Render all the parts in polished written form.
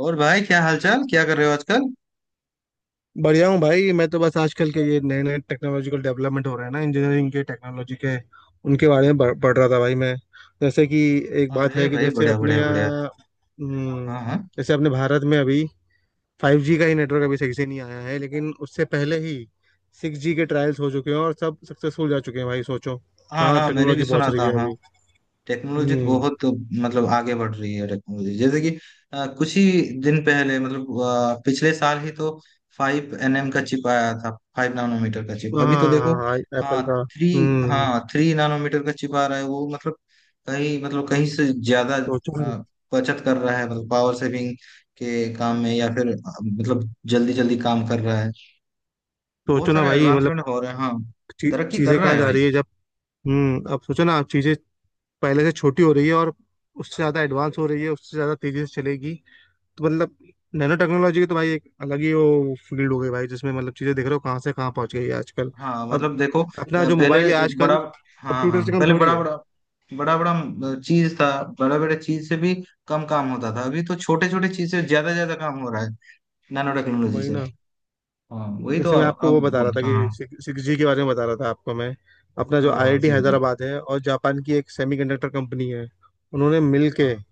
और भाई, क्या हालचाल, क्या कर रहे हो आजकल? बढ़िया हूँ भाई। मैं तो बस आजकल के ये नए नए टेक्नोलॉजिकल डेवलपमेंट हो रहे हैं ना, इंजीनियरिंग के टेक्नोलॉजी के उनके बारे में पढ़ पढ़ रहा था भाई मैं। जैसे कि एक बात अरे है कि भाई, जैसे बढ़िया अपने बढ़िया बढ़िया। यहाँ हम्म, हाँ हाँ। जैसे अपने भारत में अभी 5G का ही नेटवर्क अभी सही से नहीं आया है, लेकिन उससे पहले ही 6G के ट्रायल्स हो चुके हैं और सब सक्सेसफुल जा चुके हैं भाई। सोचो हाँ कहाँ हाँ, मैंने भी टेक्नोलॉजी सुना पहुंच रही था, है हाँ। अभी। टेक्नोलॉजी तो हम्म बहुत, मतलब आगे बढ़ रही है टेक्नोलॉजी, जैसे कि कुछ ही दिन पहले, मतलब पिछले साल ही तो 5 nm का चिप आया था। 5 नानोमीटर का चिप, अभी तो देखो। हाँ, हाँ, एप्पल का। 3। हम्म हाँ, 3 नानोमीटर का चिप आ रहा है, वो मतलब कहीं, मतलब कहीं से ज्यादा सोचो। अ, बचत कर रहा है, मतलब पावर सेविंग के काम में, या फिर मतलब जल्दी जल्दी काम कर रहा है। बहुत सोचो ना सारा भाई मतलब एडवांसमेंट हो रहा है, हाँ। तरक्की कर चीजें रहा कहाँ है जा भाई। रही है जब अब सोचो ना आप, चीजें पहले से छोटी हो रही है और उससे ज़्यादा एडवांस हो रही है, उससे ज़्यादा तेज़ी से चलेगी तो मतलब नैनो टेक्नोलॉजी की तो भाई एक अलग ही वो फील्ड हो गई भाई, जिसमें मतलब चीज़ें देख रहे हो कहाँ से कहाँ पहुँच गई है आजकल। हाँ अब मतलब देखो अपना जो पहले मोबाइल है आजकल, बड़ा, हाँ कंप्यूटर हाँ, से कम पहले थोड़ी बड़ा है। बड़ा बड़ा बड़ा चीज था। बड़ा बड़ा चीज से भी कम काम होता था, अभी तो छोटे छोटे चीज से ज्यादा ज्यादा काम हो रहा है, नैनो टेक्नोलॉजी वही से। ना। हाँ वही तो जैसे मैं आप, आपको आप वो बता रहा था बोलते, कि हाँ। सिक्स जी के बारे में बता रहा था आपको मैं, अपना जो हाँ हाँ आईआईटी सही जी। हैदराबाद है और जापान की एक सेमीकंडक्टर कंपनी है, उन्होंने मिल के हाँ।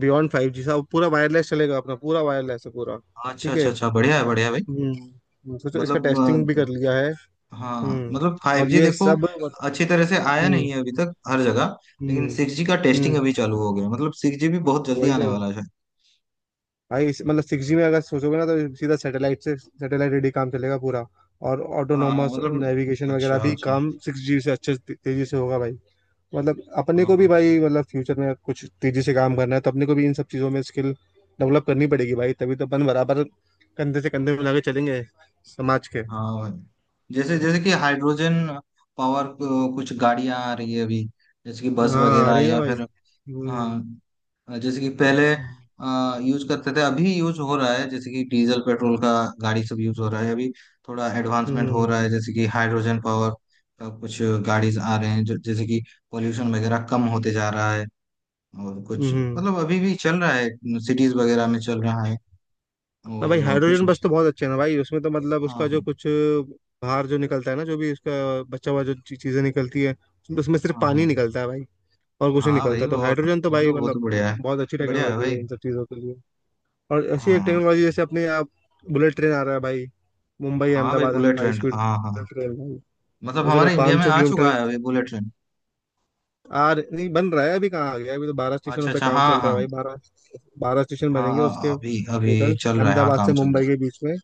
बियॉन्ड 5G साहब, पूरा वायरलेस चलेगा, अपना पूरा वायरलेस है पूरा। अच्छा ठीक अच्छा है। अच्छा, बढ़िया है, बढ़िया है भाई। सोचो, इसका मतलब टेस्टिंग भी कर लिया है। हाँ, हम्म। मतलब फाइव और जी ये देखो, सब। अच्छी तरह से आया हम्म। नहीं है अभी तक हर जगह। लेकिन हम्म। 6G का टेस्टिंग हम्म। अभी चालू हो गया, मतलब 6G भी बहुत जल्दी वही आने तो वाला है। भाई। मतलब 6G में अगर सोचोगे ना तो सीधा सैटेलाइट से सैटेलाइट रेडी काम चलेगा पूरा, और हाँ ऑटोनोमस मतलब, नेविगेशन वगैरह अच्छा भी अच्छा। काम 6G से तेजी से होगा भाई। मतलब अपने हाँ को हाँ। भी भाई, मतलब फ्यूचर में कुछ तेजी से काम करना है तो अपने को भी इन सब चीज़ों में स्किल डेवलप करनी पड़ेगी भाई, तभी तो अपन बराबर कंधे से कंधे मिला के चलेंगे समाज के। हाँ हाँ, भाई जैसे जैसे कि हाइड्रोजन कुछ गाड़ियां आ रही है अभी, जैसे कि बस हाँ, वगैरह, अरे ना या भाई। फिर हम्म। हाँ जैसे कि पहले यूज करते थे, अभी यूज हो रहा है, जैसे कि डीजल पेट्रोल का गाड़ी सब यूज हो रहा है अभी। थोड़ा एडवांसमेंट हो हम्म। रहा है, जैसे कि हाइड्रोजन पावर का कुछ गाड़ी आ रहे हैं, जो जैसे कि पोल्यूशन वगैरह कम होते जा रहा है। और कुछ हम्म। मतलब अभी भी चल रहा है, सिटीज वगैरह में चल रहा है, ना भाई, और कुछ हाइड्रोजन बस तो बहुत अच्छे है ना भाई, उसमें तो मतलब हाँ उसका जो हाँ कुछ बाहर जो निकलता है ना, जो भी उसका बचा हुआ जो चीजें निकलती है, उसमें उसमें सिर्फ हाँ पानी हाँ। निकलता है भाई, और कुछ नहीं हाँ भाई निकलता। तो बहुत, हाइड्रोजन तो हाँ भाई तो बहुत मतलब बढ़िया है। बहुत अच्छी बढ़िया है टेक्नोलॉजी भाई। है इन सब चीजों के लिए। और ऐसी एक हाँ टेक्नोलॉजी जैसे अपने आप बुलेट ट्रेन आ रहा है भाई, मुंबई हाँ भाई Ahmedabad bullet high train, speed हाँ हाँ, बुलेट ट्रेन भाई। मतलब सोच रहा हमारे इंडिया पाँच में सौ आ चुका किलोमीटर है अभी बुलेट ट्रेन। नहीं, बन रहा है अभी। कहाँ आ गया अभी, तो बारह अच्छा स्टेशनों पे अच्छा, काम हाँ चल रहा है हाँ, भाई, 12। 12 स्टेशन बनेंगे हाँ उसके अभी अभी टोटल चल रहा है, हाँ अहमदाबाद काम से चल रहा मुंबई के बीच में,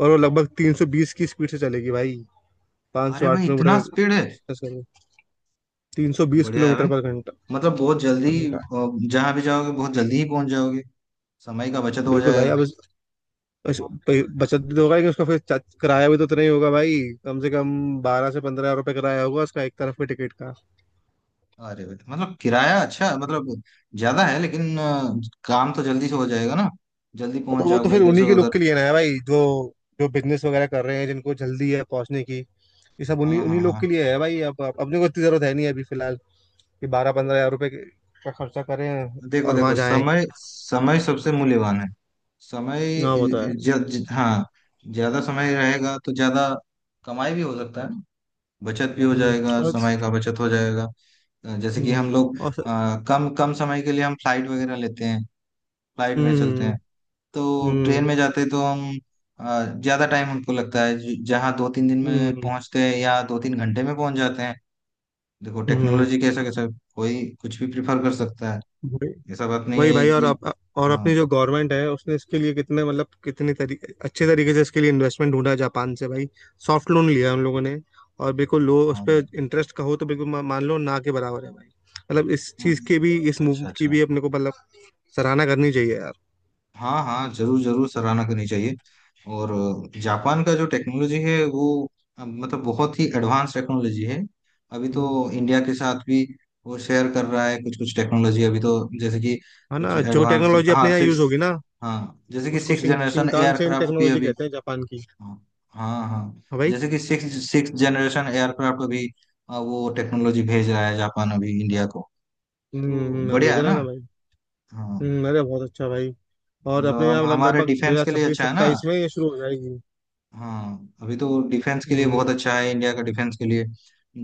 और वो लगभग 320 की स्पीड से चलेगी भाई। है। पाँच सौ अरे आठ भाई, इतना किलोमीटर स्पीड है! तीन सौ बीस बढ़िया है किलोमीटर भाई। पर घंटा, मतलब बहुत जल्दी पर घंटा। जहाँ भी जाओगे बहुत जल्दी ही पहुंच जाओगे, समय का बचत हो बिल्कुल भाई। जाएगा। अब उस- बचत भी तो होगा, लेकिन उसका फिर किराया भी तो उतना ही होगा भाई। कम से कम 12 से 15 हज़ार रुपये किराया होगा उसका, एक तरफ के टिकट का। अरे भाई, मतलब किराया अच्छा, मतलब ज्यादा है, लेकिन काम तो जल्दी से हो जाएगा ना, जल्दी तो पहुंच वो तो जाओगे फिर इधर से उन्हीं के लोग उधर। के लिए ना है भाई, जो जो बिजनेस वगैरह कर रहे हैं जिनको जल्दी है पहुंचने की। ये सब उन्हीं हाँ उन्हीं हाँ लोग हाँ। के लिए है भाई। अब अपने को इतनी जरूरत है नहीं अभी फिलहाल, कि 12-15 हज़ार रुपये का खर्चा करें देखो और वहां देखो, जाएं। समय समय सबसे मूल्यवान है। समय, हाँ, वो तो है। ज, ज, हाँ, ज्यादा समय रहेगा तो ज्यादा कमाई भी हो सकता है, बचत भी हो हम्म। जाएगा, और। समय का बचत हो जाएगा। जैसे कि हम्म। हम लोग और। कम कम समय के लिए हम फ्लाइट वगैरह लेते हैं, फ्लाइट में चलते हम्म। हैं। तो ट्रेन हम्म। में जाते हैं तो हम ज्यादा टाइम हमको लगता है, जहाँ दो तीन दिन में हम्म। पहुंचते हैं या दो तीन घंटे में पहुंच जाते हैं। देखो हम्म। टेक्नोलॉजी कैसा कैसा, कोई कुछ भी प्रिफर कर सकता है, हम्म। ऐसा बात नहीं वही है भाई, और कि। और हाँ अपनी जो गवर्नमेंट है उसने इसके लिए कितने, मतलब कितने तरीके अच्छे तरीके से इसके लिए इन्वेस्टमेंट ढूंढा जापान से भाई। सॉफ्ट लोन लिया उन लोगों ने, और बिल्कुल लो उस हाँ भाई। पर इंटरेस्ट का हो तो बिल्कुल मान लो ना के बराबर है भाई। मतलब इस चीज की भी, इस मूव अच्छा की अच्छा अच्छा। भी अपने को मतलब सराहना करनी चाहिए यार। हाँ हाँ जरूर जरूर, सराहना करनी चाहिए। और जापान का जो टेक्नोलॉजी है, वो मतलब बहुत ही एडवांस टेक्नोलॉजी है। अभी हम्म। तो इंडिया के साथ भी वो शेयर कर रहा है कुछ कुछ टेक्नोलॉजी अभी तो। जैसे कि है कुछ ना, जो एडवांस, टेक्नोलॉजी अपने हाँ यहाँ यूज सिक्स, होगी ना, हाँ, जैसे कि उसको सिक्स जनरेशन शिंकानसेन एयरक्राफ्ट भी टेक्नोलॉजी अभी, कहते हैं जापान की। हाँ हाँ हाँ, हाँ भाई। जैसे कि सिक्स सिक्स जनरेशन एयरक्राफ्ट अभी वो टेक्नोलॉजी भेज रहा है जापान, अभी इंडिया को। तो हम्म। हाँ, बढ़िया भेजा है रहा है ना। ना भाई। हाँ, हम्म, अरे बहुत अच्छा भाई। और मतलब अपने हम यहाँ मतलब हमारे लगभग दो डिफेंस हजार के लिए छब्बीस अच्छा है ना। सत्ताईस में ये शुरू हो जाएगी। हाँ, अभी तो डिफेंस के लिए बहुत अच्छा है, इंडिया का डिफेंस के लिए।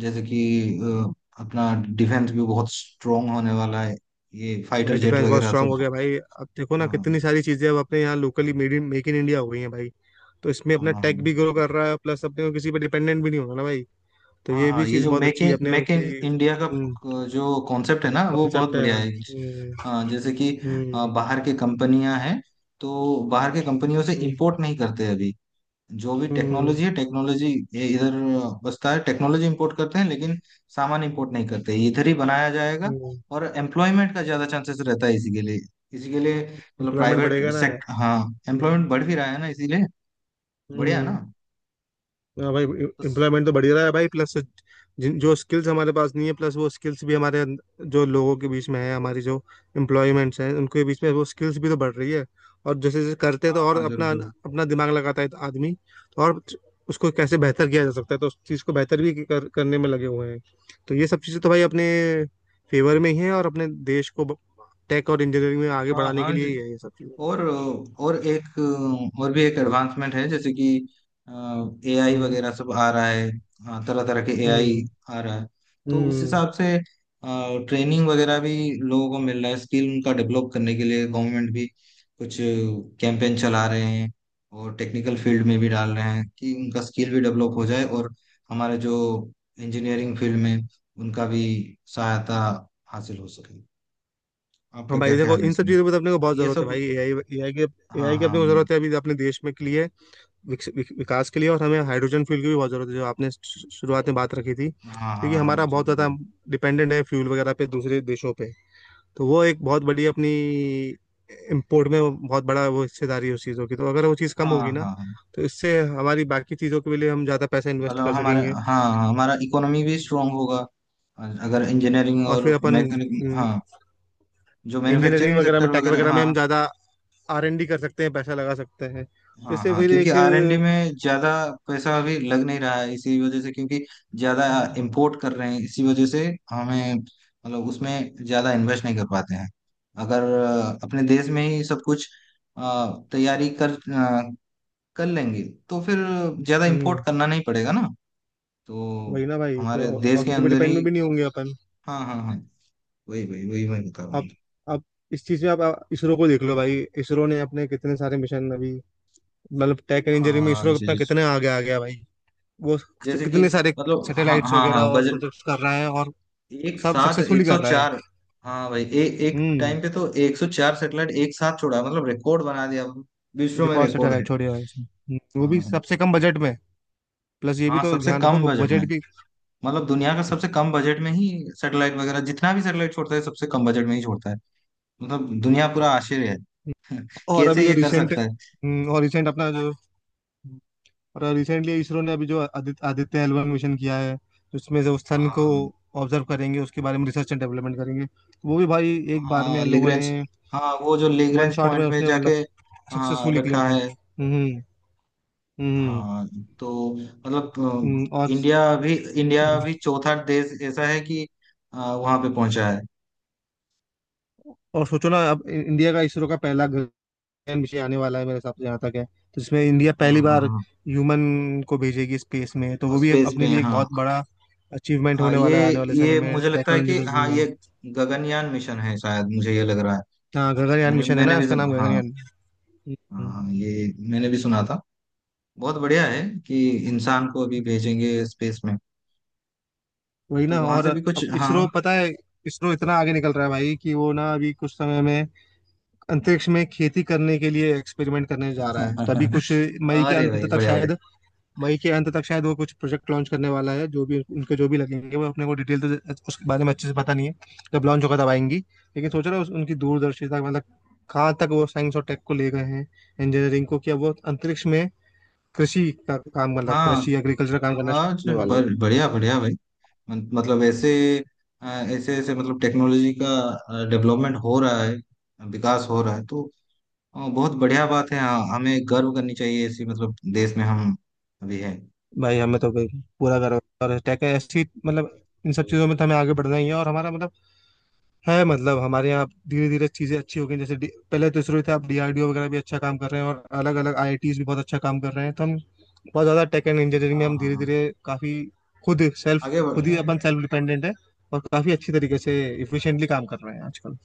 जैसे कि अपना डिफेंस भी बहुत स्ट्रोंग होने वाला है, ये फाइटर भाई जेट डिफेंस बहुत वगैरह स्ट्रांग सब। हो गया भाई। अब देखो ना, हाँ कितनी सारी चीजें अब अपने यहाँ locally made in, make in India हो गई हैं भाई। तो इसमें अपना हाँ हाँ टेक भी जी। ग्रो कर रहा है, प्लस अपने को किसी पे डिपेंडेंट भी नहीं होना ना भाई। तो हाँ ये हाँ, भी ये चीज जो बहुत मेक अच्छी है इन अपने मेक इन की। इंडिया का जो कॉन्सेप्ट है ना, वो बहुत कॉन्सेप्ट है। बढ़िया है। हम्म। हाँ, जैसे कि बाहर के कंपनियां हैं, तो बाहर के कंपनियों से हम्म। इंपोर्ट नहीं करते अभी। जो भी हम्म। टेक्नोलॉजी है, टेक्नोलॉजी ये इधर बसता है, टेक्नोलॉजी इंपोर्ट करते हैं लेकिन सामान इंपोर्ट नहीं करते, ये इधर ही बनाया जाएगा। हम्म। और एम्प्लॉयमेंट का ज्यादा चांसेस रहता है इसी के लिए, इसी के लिए मतलब एम्प्लॉयमेंट प्राइवेट बढ़ेगा ना यार। सेक्टर, हाँ हम्म। एम्प्लॉयमेंट बढ़ भी रहा है ना इसीलिए। बढ़िया हम्म। ना। हाँ भाई। तो स- एम्प्लॉयमेंट तो बढ़ ही रहा है भाई, प्लस जिन, जो स्किल्स हमारे पास नहीं है, प्लस वो स्किल्स भी हमारे जो लोगों के बीच में है, हमारी जो एम्प्लॉयमेंट्स हैं उनके बीच में वो स्किल्स भी तो बढ़ रही है। और जैसे जैसे करते हैं हाँ तो और हाँ जरूर अपना, जरूर, अपना दिमाग लगाता है आदमी, तो और उसको कैसे बेहतर किया जा सकता है, तो उस चीज़ को बेहतर भी करने में लगे हुए हैं। तो ये सब चीज़ें तो भाई अपने फेवर में ही है, और अपने देश को टेक और इंजीनियरिंग में आगे हाँ बढ़ाने हाँ। के लिए ही है ये सब चीज़ें। और और एक और भी एक एडवांसमेंट है, जैसे कि एआई हम्म। वगैरह सब आ रहा है, तरह तरह के एआई हम्म। आ रहा है। तो उस हम्म। हिसाब से ट्रेनिंग वगैरह भी लोगों को मिल रहा है, स्किल उनका डेवलप करने के लिए गवर्नमेंट भी कुछ कैंपेन चला रहे हैं। और टेक्निकल फील्ड में भी डाल रहे हैं कि उनका स्किल भी डेवलप हो जाए, और हमारे जो इंजीनियरिंग फील्ड में उनका भी सहायता हासिल हो सके। हाँ आपका क्या भाई देखो, ख्याल है इन सब इसमें, चीज़ों पे तो अपने को बहुत ये ज़रूरत है सब? भाई। एआई, एआई की, हाँ एआई की अपने हाँ को ज़रूरत है अभी अपने देश में के लिए, विकास के लिए। और हमें हाइड्रोजन फ्यूल की भी बहुत ज़रूरत है, जो आपने शुरुआत में बात रखी थी, हाँ क्योंकि हाँ, हाँ हमारा बहुत जरूर ज़्यादा जरूर। डिपेंडेंट है फ्यूल वगैरह पे दूसरे देशों पे। तो वो एक बहुत बड़ी अपनी इम्पोर्ट में बहुत बड़ा वो हिस्सेदारी है उस चीज़ों की, तो अगर वो चीज़ कम हाँ होगी हाँ ना, हाँ, तो इससे हमारी बाकी चीज़ों के लिए हम ज़्यादा पैसा इन्वेस्ट मतलब कर हमारा, सकेंगे। हाँ हाँ, हमारा इकोनॉमी भी स्ट्रांग होगा, अगर इंजीनियरिंग और और फिर अपन मैकेनिक, हम्म, हाँ, जो इंजीनियरिंग मैन्युफैक्चरिंग वगैरह में, सेक्टर टेक वगैरह, वगैरह में हाँ हम ज़्यादा आरएनडी कर सकते हैं, पैसा लगा सकते हैं। तो हाँ इससे हाँ। फिर क्योंकि एक। R&D में ज्यादा पैसा अभी लग नहीं रहा है इसी वजह से, क्योंकि ज्यादा इंपोर्ट कर रहे हैं इसी वजह से, हमें मतलब उसमें ज्यादा इन्वेस्ट नहीं कर पाते हैं। अगर अपने देश में ही सब कुछ अ, तैयारी कर लेंगे, तो फिर ज्यादा इंपोर्ट हम्म। करना नहीं पड़ेगा ना, तो वही ना भाई। तो हमारे देश और के किसी पे अंदर ही। डिपेंड भी नहीं होंगे अपन। हाँ हाँ हाँ, वही वही वही मैं बता रहा हूँ। आप आप इस चीज में, आप इसरो को देख लो भाई। इसरो ने अपने कितने सारे मिशन अभी, मतलब टेक एंड इंजीनियरिंग में हाँ इसरो जी अपना जी जी। कितने आगे आ गया भाई। वो जैसे कि कितने सारे मतलब, हाँ सैटेलाइट्स हाँ वगैरह हाँ और बजट, प्रोजेक्ट्स कर रहा है और एक सब साथ सक्सेसफुली एक सौ कर रहा है। चार हाँ भाई, एक हम्म। टाइम पे तो 104 सेटेलाइट एक साथ छोड़ा, मतलब रिकॉर्ड बना दिया, विश्व में रिकॉर्ड रिकॉर्ड है। सैटेलाइट छोड़े है उसने। वो हाँ भी हाँ, सबसे कम बजट में। प्लस ये भी हाँ तो सबसे ध्यान रखो, कम बजट में, बजट भी। मतलब दुनिया का सबसे कम बजट में ही सैटेलाइट वगैरह, जितना भी सैटेलाइट छोड़ता है सबसे कम बजट में ही छोड़ता है। मतलब दुनिया पूरा आश्चर्य है और अभी कैसे जो ये कर रिसेंट, सकता है। और रिसेंट अपना जो, और रिसेंटली इसरो ने अभी जो आदित्य आदित्य L1 मिशन किया है, उसमें से उस सन हाँ को हाँ, हाँ। ऑब्जर्व करेंगे, उसके बारे में रिसर्च एंड डेवलपमेंट करेंगे। वो भी भाई एक बार में हाँ हम लोगों ने, लिग्रेंज, हाँ वो जो वन लिग्रेंज शॉट में पॉइंट में उसने जाके मतलब हाँ सक्सेसफुली क्लियर रखा है। किया। हम्म। हम्म। हाँ, तो मतलब और अ, इंडिया भी इंडिया भी चौथा देश ऐसा है कि वहां पे पहुंचा है। सोचो ना, अब इंडिया का इसरो का पहला गगन मिशन आने वाला है मेरे हिसाब से जहाँ तक है, तो इसमें इंडिया हाँ पहली हाँ बार हाँ। ह्यूमन को भेजेगी स्पेस में, तो और वो भी स्पेस पे, अपने लिए एक हाँ बहुत बड़ा अचीवमेंट हाँ होने वाला है आने वाले समय ये में मुझे टेक लगता है और कि इंजीनियरिंग हाँ, में। ये गगनयान मिशन है शायद, मुझे ये लग रहा है। हाँ, गगनयान मैंने मिशन है मैंने ना, भी उसका सुन नाम हाँ, गगनयान। हम्म, हाँ ये मैंने भी सुना था। बहुत बढ़िया है कि इंसान को अभी भेजेंगे स्पेस में, वही तो ना। वहां और से भी कुछ, अब हाँ इसरो, पता है इसरो इतना आगे निकल रहा है भाई, कि वो ना अभी कुछ समय में अंतरिक्ष में खेती करने के लिए एक्सपेरिमेंट करने जा रहा है, तो अभी कुछ मई हाँ। के अरे अंत भाई तक बढ़िया बढ़िया, शायद, मई के अंत तक शायद वो कुछ प्रोजेक्ट लॉन्च करने वाला है। जो भी उनके जो भी लगेंगे वो, अपने को डिटेल तो उसके बारे में अच्छे से पता नहीं है, जब लॉन्च होगा तब आएंगी। लेकिन सोच रहे हो उनकी दूरदर्शिता, मतलब कहाँ तक वो साइंस और टेक को ले गए हैं, इंजीनियरिंग को, कि अब वो अंतरिक्ष में कृषि का काम, मतलब हाँ। कृषि एग्रीकल्चर काम करना शुरू आज करने वाले हैं। बढ़िया बढ़िया भाई, मतलब ऐसे ऐसे ऐसे मतलब टेक्नोलॉजी का डेवलपमेंट हो रहा है, विकास हो रहा है। तो बहुत बढ़िया बात है, हाँ हमें गर्व करनी चाहिए ऐसी, मतलब देश में हम अभी हैं। भाई हमें तो तो भाई पूरा गर्व है। और टेक ऐसी, मतलब इन सब चीज़ों में तो हमें आगे बढ़ना ही है, और हमारा मतलब है, मतलब हमारे यहाँ धीरे धीरे चीज़ें अच्छी हो गई। जैसे पहले तो इसरो था, अब डीआरडीओ वगैरह भी अच्छा काम कर रहे हैं और अलग अलग आईआईटीज भी बहुत अच्छा काम कर रहे हैं। तो हम बहुत ज़्यादा टेक एंड इंजीनियरिंग में, हाँ हम हाँ धीरे हाँ, धीरे काफ़ी खुद सेल्फ, आगे खुद ही बढ़, अपन सेल्फ डिपेंडेंट है और काफ़ी अच्छी तरीके से इफिशिएंटली काम कर रहे हैं आजकल।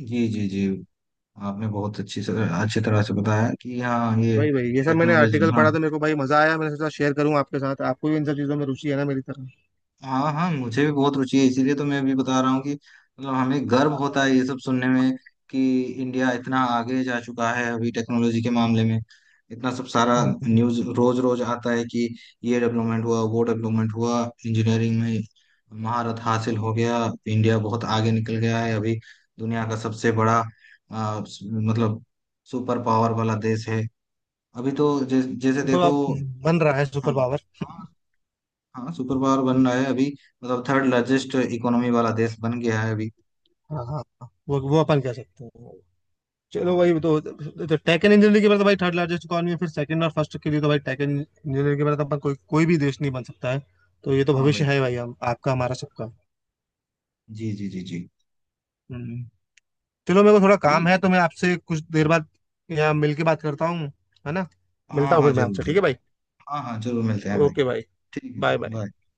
जी जी जी। आपने बहुत अच्छी तरह से बताया कि हाँ ये वही भाई, ये सब मैंने टेक्नोलॉजी, आर्टिकल हाँ। पढ़ा तो मेरे को भाई मज़ा आया, मैंने सोचा शेयर करूँ आपके साथ, आपको भी इन सब चीज़ों में रुचि है ना मेरी तरह। हाँ हाँ मुझे भी बहुत रुचि है, इसीलिए तो मैं भी बता रहा हूँ कि मतलब हमें गर्व होता है ये सब सुनने में, कि इंडिया इतना आगे जा चुका है अभी टेक्नोलॉजी के मामले में। इतना सब सारा हम्म। न्यूज़ रोज रोज आता है कि ये डेवलपमेंट हुआ, वो डेवलपमेंट हुआ, इंजीनियरिंग में महारत हासिल हो गया। इंडिया बहुत आगे निकल गया है अभी, दुनिया का सबसे बड़ा मतलब सुपर पावर वाला देश है अभी। तो जैसे सुपर देखो, पावर बन रहा है, हाँ सुपर पावर। हाँ, हाँ सुपर पावर बन रहा है अभी, मतलब थर्ड लार्जेस्ट इकोनॉमी वाला देश बन गया है अभी। हाँ हाँ हाँ, वो अपन कह सकते हैं। चलो हाँ भाई, तो टेक एंड इंजीनियरिंग के बाद तो भाई थर्ड लार्जेस्ट इकॉनमी है, फिर सेकंड और फर्स्ट के लिए तो भाई टेक एंड इंजीनियरिंग के बाद अपन कोई कोई भी देश नहीं बन सकता है। तो ये तो हाँ भविष्य भाई, है भाई, हम आपका हमारा सबका। जी जी जी जी। हम्म। चलो, मेरे को थोड़ा काम है ये- तो मैं आपसे कुछ देर बाद यहाँ मिल के बात करता हूँ, है ना। हाँ मिलता हूँ हाँ फिर मैं जरूर आपसे। ठीक जरूर, है भाई। हाँ हाँ जरूर मिलते हैं भाई। ओके भाई। ठीक बाय है बाय। bye।